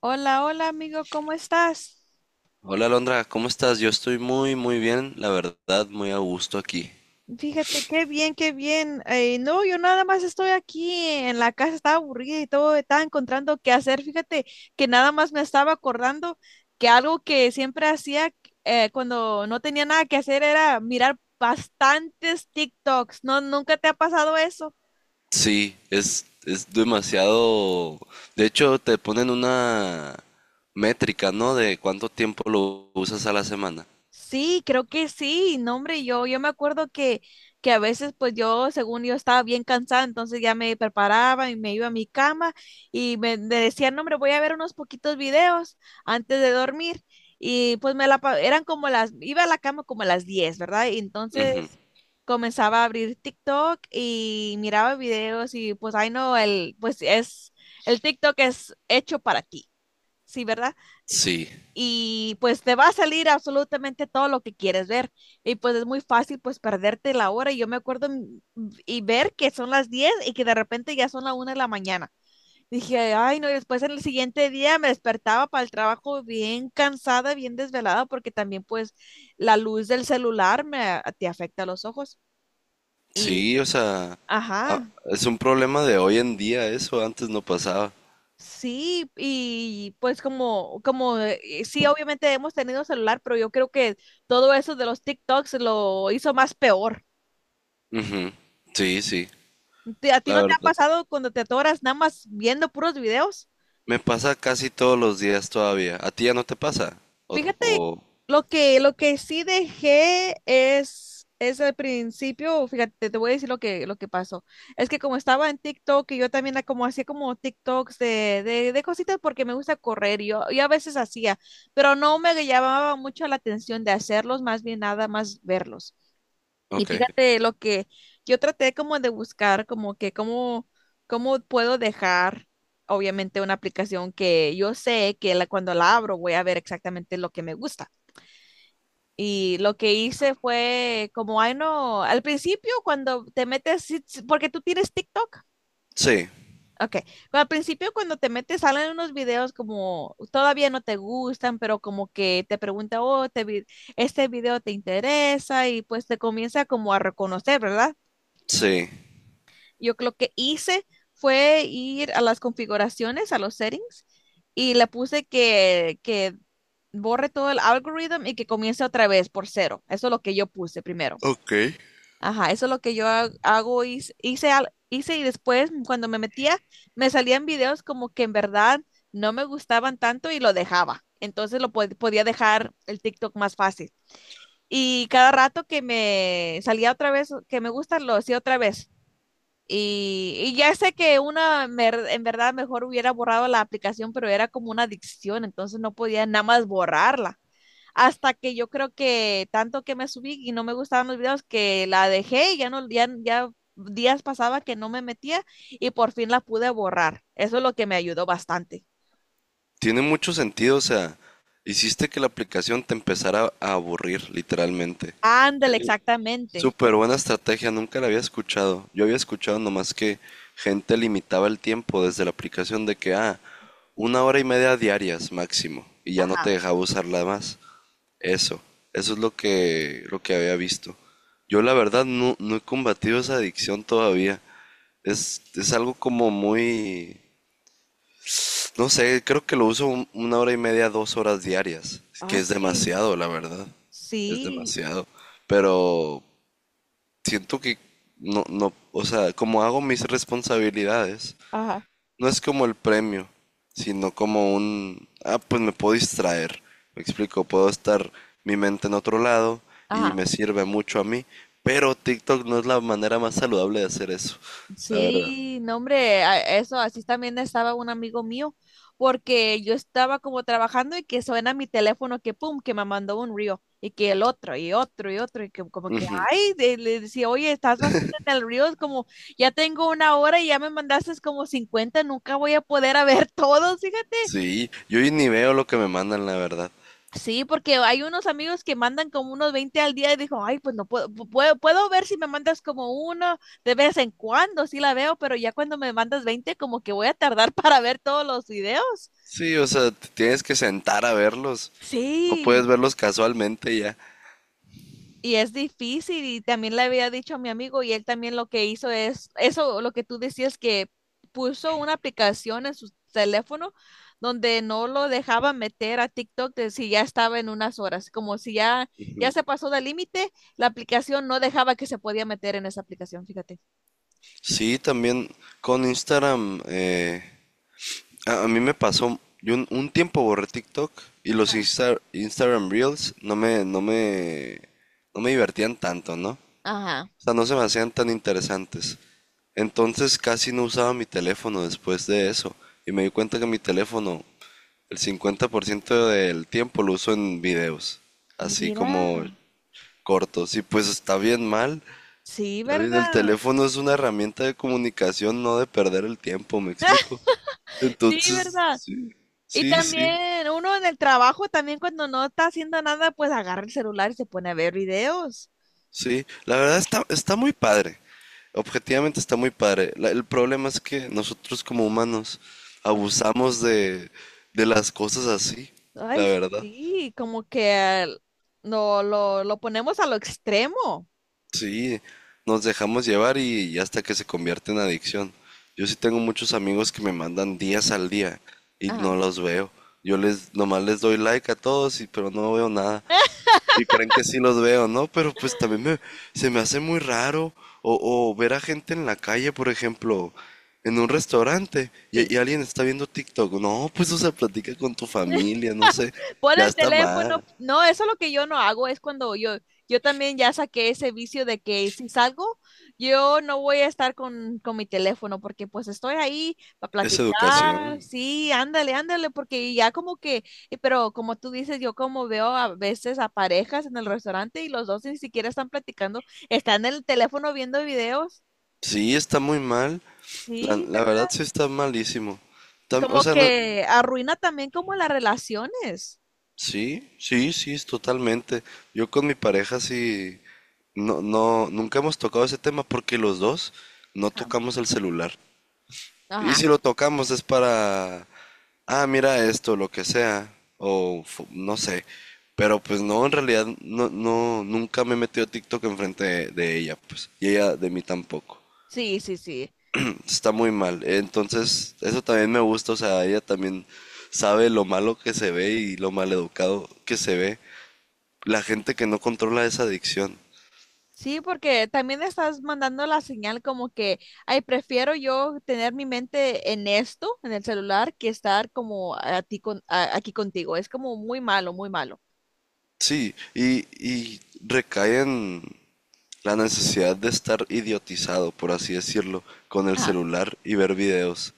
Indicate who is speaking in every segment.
Speaker 1: Hola, hola amigo, ¿cómo estás?
Speaker 2: Hola Alondra, ¿cómo estás? Yo estoy muy muy bien, la verdad, muy a gusto aquí.
Speaker 1: Fíjate, qué bien, qué bien. No, yo nada más estoy aquí en la casa, estaba aburrida y todo, estaba encontrando qué hacer. Fíjate que nada más me estaba acordando que algo que siempre hacía cuando no tenía nada que hacer era mirar bastantes TikToks. ¿No, nunca te ha pasado eso?
Speaker 2: Sí, es demasiado. De hecho, te ponen una métrica, ¿no? De cuánto tiempo lo usas a la semana.
Speaker 1: Sí, creo que sí, no hombre, yo me acuerdo que a veces pues yo, según yo estaba bien cansada, entonces ya me preparaba y me iba a mi cama y me decían, no hombre, voy a ver unos poquitos videos antes de dormir y pues me la, eran como las, iba a la cama como a las 10, ¿verdad? Y
Speaker 2: Ujú.
Speaker 1: entonces comenzaba a abrir TikTok y miraba videos y pues, ay no, el, pues es, el TikTok es hecho para ti, ¿sí, verdad?
Speaker 2: Sí,
Speaker 1: Y pues te va a salir absolutamente todo lo que quieres ver. Y pues es muy fácil pues perderte la hora. Y yo me acuerdo y ver que son las 10 y que de repente ya son la 1 de la mañana. Dije, ay, no, y después en el siguiente día me despertaba para el trabajo bien cansada, bien desvelada, porque también pues la luz del celular me, te afecta los ojos. Y,
Speaker 2: sí, o sea,
Speaker 1: ajá,
Speaker 2: es un problema de hoy en día, eso antes no pasaba.
Speaker 1: sí, y pues como, como, sí, obviamente hemos tenido celular, pero yo creo que todo eso de los TikToks lo hizo más peor.
Speaker 2: Ujú. Sí, sí,
Speaker 1: ¿A ti
Speaker 2: la
Speaker 1: no te ha
Speaker 2: verdad.
Speaker 1: pasado cuando te atoras nada más viendo puros videos?
Speaker 2: Me pasa casi todos los días todavía. ¿A ti ya no te pasa? O,
Speaker 1: Fíjate,
Speaker 2: o...
Speaker 1: lo que sí dejé es al principio, fíjate, te voy a decir lo que pasó. Es que como estaba en TikTok y yo también como hacía como TikToks de cositas porque me gusta correr, y yo a veces hacía, pero no me llamaba mucho la atención de hacerlos, más bien nada más verlos. Y
Speaker 2: Ok.
Speaker 1: fíjate lo que yo traté como de buscar, como que cómo, cómo puedo dejar, obviamente, una aplicación que yo sé que la, cuando la abro voy a ver exactamente lo que me gusta. Y lo que hice fue como, ay no, al principio cuando te metes, sí, sí, porque tú tienes TikTok.
Speaker 2: Sí,
Speaker 1: Ok, al principio cuando te metes salen unos videos como todavía no te gustan, pero como que te pregunta, oh, este video te interesa y pues te comienza como a reconocer, ¿verdad?
Speaker 2: sí.
Speaker 1: Yo lo que hice fue ir a las configuraciones, a los settings, y le puse que borre todo el algoritmo y que comience otra vez por cero. Eso es lo que yo puse primero.
Speaker 2: Ok.
Speaker 1: Ajá, eso es lo que yo ha- hago, hice, hice, al- hice y después cuando me metía, me salían videos como que en verdad no me gustaban tanto y lo dejaba. Entonces podía dejar el TikTok más fácil. Y cada rato que me salía otra vez, que me gusta, lo hacía otra vez. Y ya sé que una, en verdad, mejor hubiera borrado la aplicación, pero era como una adicción, entonces no podía nada más borrarla. Hasta que yo creo que tanto que me subí y no me gustaban los videos que la dejé y ya no, ya, ya días pasaba que no me metía y por fin la pude borrar. Eso es lo que me ayudó bastante.
Speaker 2: Tiene mucho sentido, o sea, hiciste que la aplicación te empezara a aburrir, literalmente. Es
Speaker 1: Ándale, exactamente.
Speaker 2: súper buena estrategia, nunca la había escuchado. Yo había escuchado nomás que gente limitaba el tiempo desde la aplicación de que, una hora y media diarias máximo, y ya no
Speaker 1: Ajá.
Speaker 2: te dejaba usarla más. Eso, eso es lo que había visto. Yo la verdad no, no he combatido esa adicción todavía. Es algo como muy, no sé, creo que lo uso una hora y media, dos horas diarias, que
Speaker 1: Ah,
Speaker 2: es
Speaker 1: sí.
Speaker 2: demasiado, la verdad. Es
Speaker 1: Sí.
Speaker 2: demasiado. Pero siento que no, no, o sea, como hago mis responsabilidades,
Speaker 1: Ajá.
Speaker 2: no es como el premio, sino como un, pues me puedo distraer. Me explico, puedo estar mi mente en otro lado y
Speaker 1: Ajá.
Speaker 2: me sirve mucho a mí, pero TikTok no es la manera más saludable de hacer eso, la verdad.
Speaker 1: Sí, no, hombre, eso así también estaba un amigo mío, porque yo estaba como trabajando y que suena mi teléfono que pum, que me mandó un río y que el otro y otro y otro y que como que,
Speaker 2: Ujú.
Speaker 1: ay, le decía, oye, estás bastante en el río, es como, ya tengo una hora y ya me mandaste como 50 nunca voy a poder a ver todos, fíjate.
Speaker 2: Sí, yo ni veo lo que me mandan, la verdad.
Speaker 1: Sí, porque hay unos amigos que mandan como unos 20 al día y dijo, ay, pues no puedo, puedo ver si me mandas como uno de vez en cuando, sí la veo, pero ya cuando me mandas 20 como que voy a tardar para ver todos los videos.
Speaker 2: Sí, o sea, te tienes que sentar a verlos. No puedes
Speaker 1: Sí.
Speaker 2: verlos casualmente ya.
Speaker 1: Y es difícil y también le había dicho a mi amigo y él también lo que hizo es, eso lo que tú decías que puso una aplicación en su teléfono donde no lo dejaba meter a TikTok de si ya estaba en unas horas, como si ya, ya se pasó del límite, la aplicación no dejaba que se podía meter en esa aplicación, fíjate.
Speaker 2: Sí, también con Instagram, a mí me pasó, yo un tiempo borré TikTok y los Instagram Reels no me, no me, no me divertían tanto, ¿no? O
Speaker 1: Ajá.
Speaker 2: sea, no se me hacían tan interesantes. Entonces casi no usaba mi teléfono después de eso. Y me di cuenta que mi teléfono, el 50% del tiempo lo uso en videos. Así
Speaker 1: Mira,
Speaker 2: como cortos. Y pues está bien mal.
Speaker 1: sí,
Speaker 2: David, el
Speaker 1: ¿verdad?
Speaker 2: teléfono es una herramienta de comunicación, no de perder el tiempo, ¿me explico?
Speaker 1: Sí,
Speaker 2: Entonces,
Speaker 1: ¿verdad?
Speaker 2: sí,
Speaker 1: Y
Speaker 2: sí, sí,
Speaker 1: también uno en el trabajo, también cuando no está haciendo nada, pues agarra el celular y se pone a ver videos.
Speaker 2: sí. La verdad está, está muy padre. Objetivamente está muy padre. El problema es que nosotros como humanos abusamos de las cosas así, la
Speaker 1: Ay,
Speaker 2: verdad.
Speaker 1: sí, como que lo ponemos a lo extremo.
Speaker 2: Sí, nos dejamos llevar y hasta que se convierte en adicción. Yo sí tengo muchos amigos que me mandan días al día y no
Speaker 1: Ajá.
Speaker 2: los veo. Yo les nomás les doy like a todos y pero no veo nada. Y creen que sí los veo, ¿no? Pero pues también se me hace muy raro o ver a gente en la calle, por ejemplo, en un restaurante
Speaker 1: Sí.
Speaker 2: y alguien está viendo TikTok. No, pues o sea, platica con tu familia, no sé.
Speaker 1: Pon
Speaker 2: Ya
Speaker 1: el
Speaker 2: está
Speaker 1: teléfono.
Speaker 2: mal.
Speaker 1: No, eso es lo que yo no hago. Es cuando yo también ya saqué ese vicio de que si salgo, yo no voy a estar con mi teléfono porque pues estoy ahí para
Speaker 2: Es
Speaker 1: platicar.
Speaker 2: educación.
Speaker 1: Sí, ándale, ándale, porque ya como que, pero como tú dices, yo como veo a veces a parejas en el restaurante y los dos ni siquiera están platicando, están en el teléfono viendo videos.
Speaker 2: Sí, está muy mal. La,
Speaker 1: Sí,
Speaker 2: la verdad
Speaker 1: ¿verdad?
Speaker 2: sí está malísimo. O
Speaker 1: Como
Speaker 2: sea, no,
Speaker 1: que arruina también como las relaciones.
Speaker 2: sí, sí, sí, es totalmente. Yo con mi pareja sí, no, no, nunca hemos tocado ese tema porque los dos no
Speaker 1: Ah,
Speaker 2: tocamos el celular. Y
Speaker 1: ajá,
Speaker 2: si lo tocamos es para, mira esto, lo que sea, o no sé. Pero pues no, en realidad no, no, nunca me he metido a TikTok enfrente de ella, pues. Y ella de mí tampoco.
Speaker 1: sí, sí, sí.
Speaker 2: Está muy mal. Entonces, eso también me gusta, o sea, ella también sabe lo malo que se ve y lo maleducado que se ve la gente que no controla esa adicción.
Speaker 1: Sí, porque también estás mandando la señal como que, ay, prefiero yo tener mi mente en esto, en el celular, que estar como a ti con, aquí contigo. Es como muy malo, muy malo.
Speaker 2: Sí, y recae en la necesidad de estar idiotizado, por así decirlo, con el
Speaker 1: Ajá.
Speaker 2: celular y ver videos.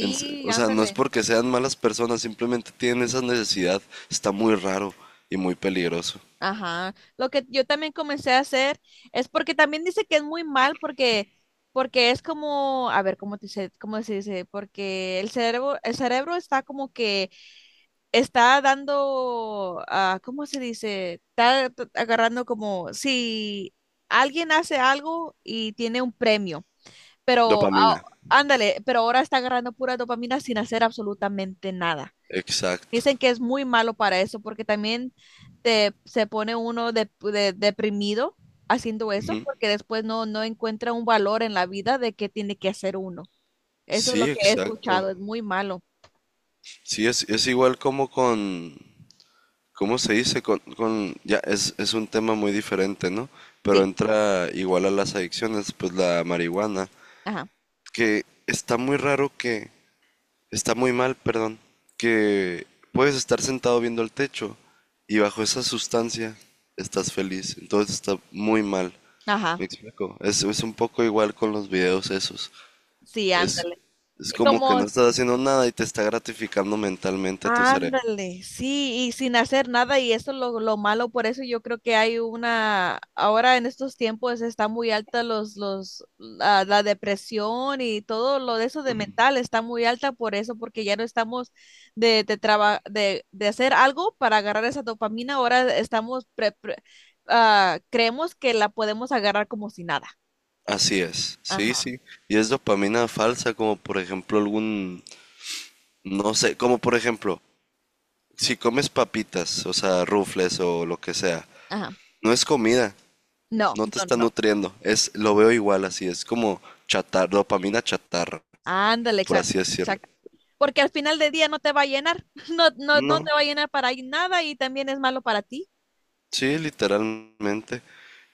Speaker 2: O sea, no es
Speaker 1: ándale.
Speaker 2: porque sean malas personas, simplemente tienen esa necesidad. Está muy raro y muy peligroso.
Speaker 1: Ajá. Lo que yo también comencé a hacer es porque también dice que es muy mal porque, porque es como, a ver, ¿cómo, te dice, cómo se dice? Porque el cerebro está como que está dando, ah, ¿cómo se dice? Está agarrando como si alguien hace algo y tiene un premio, pero
Speaker 2: Dopamina.
Speaker 1: ah, ándale, pero ahora está agarrando pura dopamina sin hacer absolutamente nada.
Speaker 2: Exacto.
Speaker 1: Dicen que es muy malo para eso porque también te, se pone uno deprimido haciendo eso
Speaker 2: Ujú.
Speaker 1: porque después no, no encuentra un valor en la vida de qué tiene que hacer uno. Eso es lo
Speaker 2: Sí,
Speaker 1: que he
Speaker 2: exacto.
Speaker 1: escuchado, es muy malo.
Speaker 2: Sí, es igual como con, ¿cómo se dice? Con, ya, es un tema muy diferente, ¿no? Pero
Speaker 1: Sí,
Speaker 2: entra igual a las adicciones, pues la marihuana,
Speaker 1: ajá,
Speaker 2: que está muy raro que, está muy mal, perdón, que puedes estar sentado viendo el techo y bajo esa sustancia estás feliz, entonces está muy mal.
Speaker 1: ajá,
Speaker 2: Me explico. Es un poco igual con los videos esos.
Speaker 1: sí,
Speaker 2: Es,
Speaker 1: ándale.
Speaker 2: es como que no estás haciendo nada y te está gratificando mentalmente a tu cerebro.
Speaker 1: Ándale, sí, y sin hacer nada, y eso es lo malo, por eso yo creo que hay una, ahora en estos tiempos está muy alta los, la depresión y todo lo de eso de mental está muy alta por eso, porque ya no estamos de hacer algo para agarrar esa dopamina, ahora estamos, creemos que la podemos agarrar como si nada.
Speaker 2: Así es, sí,
Speaker 1: Ajá,
Speaker 2: sí. Y es dopamina falsa, como por ejemplo algún, no sé, como por ejemplo, si comes papitas, o sea, rufles o lo que sea,
Speaker 1: ajá.
Speaker 2: no es comida,
Speaker 1: No,
Speaker 2: no te
Speaker 1: no, no,
Speaker 2: está
Speaker 1: no.
Speaker 2: nutriendo, es, lo veo igual así, es como dopamina chatarra,
Speaker 1: Ándale,
Speaker 2: por
Speaker 1: exacto.
Speaker 2: así decirlo.
Speaker 1: Exacto. Porque al final del día no te va a llenar, no, no, no
Speaker 2: No,
Speaker 1: te va a llenar para nada y también es malo para ti.
Speaker 2: sí, literalmente.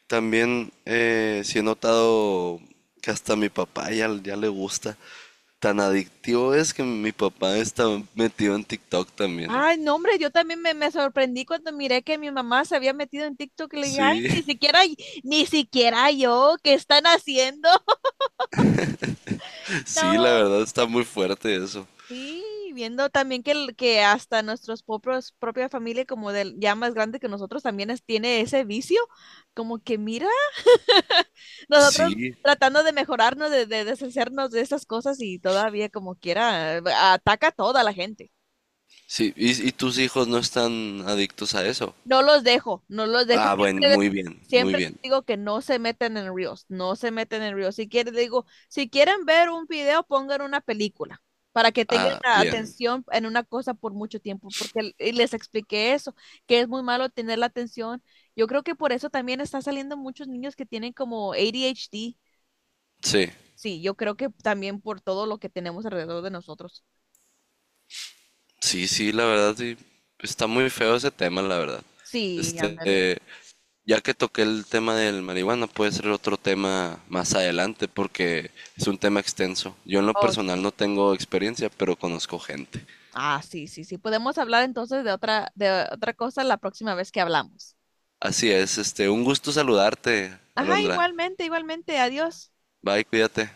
Speaker 2: También sí he notado que hasta a mi papá ya, ya le gusta. Tan adictivo es que mi papá está metido en TikTok también.
Speaker 1: Ay, no, hombre, yo también me sorprendí cuando miré que mi mamá se había metido en TikTok y le dije, ay,
Speaker 2: Sí.
Speaker 1: ni siquiera, ni siquiera yo, ¿qué están haciendo?
Speaker 2: Sí, la
Speaker 1: No.
Speaker 2: verdad está muy fuerte eso.
Speaker 1: Sí, viendo también que, que hasta nuestros propios, propia familia como del ya más grande que nosotros también tiene ese vicio, como que mira, nosotros
Speaker 2: Sí,
Speaker 1: tratando de mejorarnos, de deshacernos de esas cosas y todavía como quiera, ataca a toda la gente.
Speaker 2: sí. Y tus hijos no están adictos a eso?
Speaker 1: No los dejo, no los dejo.
Speaker 2: Ah,
Speaker 1: Sie-
Speaker 2: bueno, muy bien, muy
Speaker 1: Siempre
Speaker 2: bien.
Speaker 1: digo que no se meten en Reels, no se meten en Reels. Si quieren, digo, si quieren ver un video, pongan una película para que tengan
Speaker 2: Ah,
Speaker 1: la Sí.
Speaker 2: bien.
Speaker 1: atención en una cosa por mucho tiempo, porque y les expliqué eso, que es muy malo tener la atención. Yo creo que por eso también está saliendo muchos niños que tienen como ADHD,
Speaker 2: Sí,
Speaker 1: sí, yo creo que también por todo lo que tenemos alrededor de nosotros.
Speaker 2: sí, sí, la verdad, sí. Está muy feo ese tema, la verdad.
Speaker 1: Sí,
Speaker 2: Este,
Speaker 1: ándale.
Speaker 2: ya que toqué el tema del marihuana, puede ser otro tema más adelante porque es un tema extenso. Yo en lo
Speaker 1: Oh,
Speaker 2: personal
Speaker 1: sí.
Speaker 2: no tengo experiencia, pero conozco gente.
Speaker 1: Ah, sí, sí, sí. Podemos hablar entonces de otra cosa la próxima vez que hablamos.
Speaker 2: Así es, este, un gusto saludarte,
Speaker 1: Ajá,
Speaker 2: Alondra.
Speaker 1: igualmente, igualmente. Adiós.
Speaker 2: Bye, cuídate.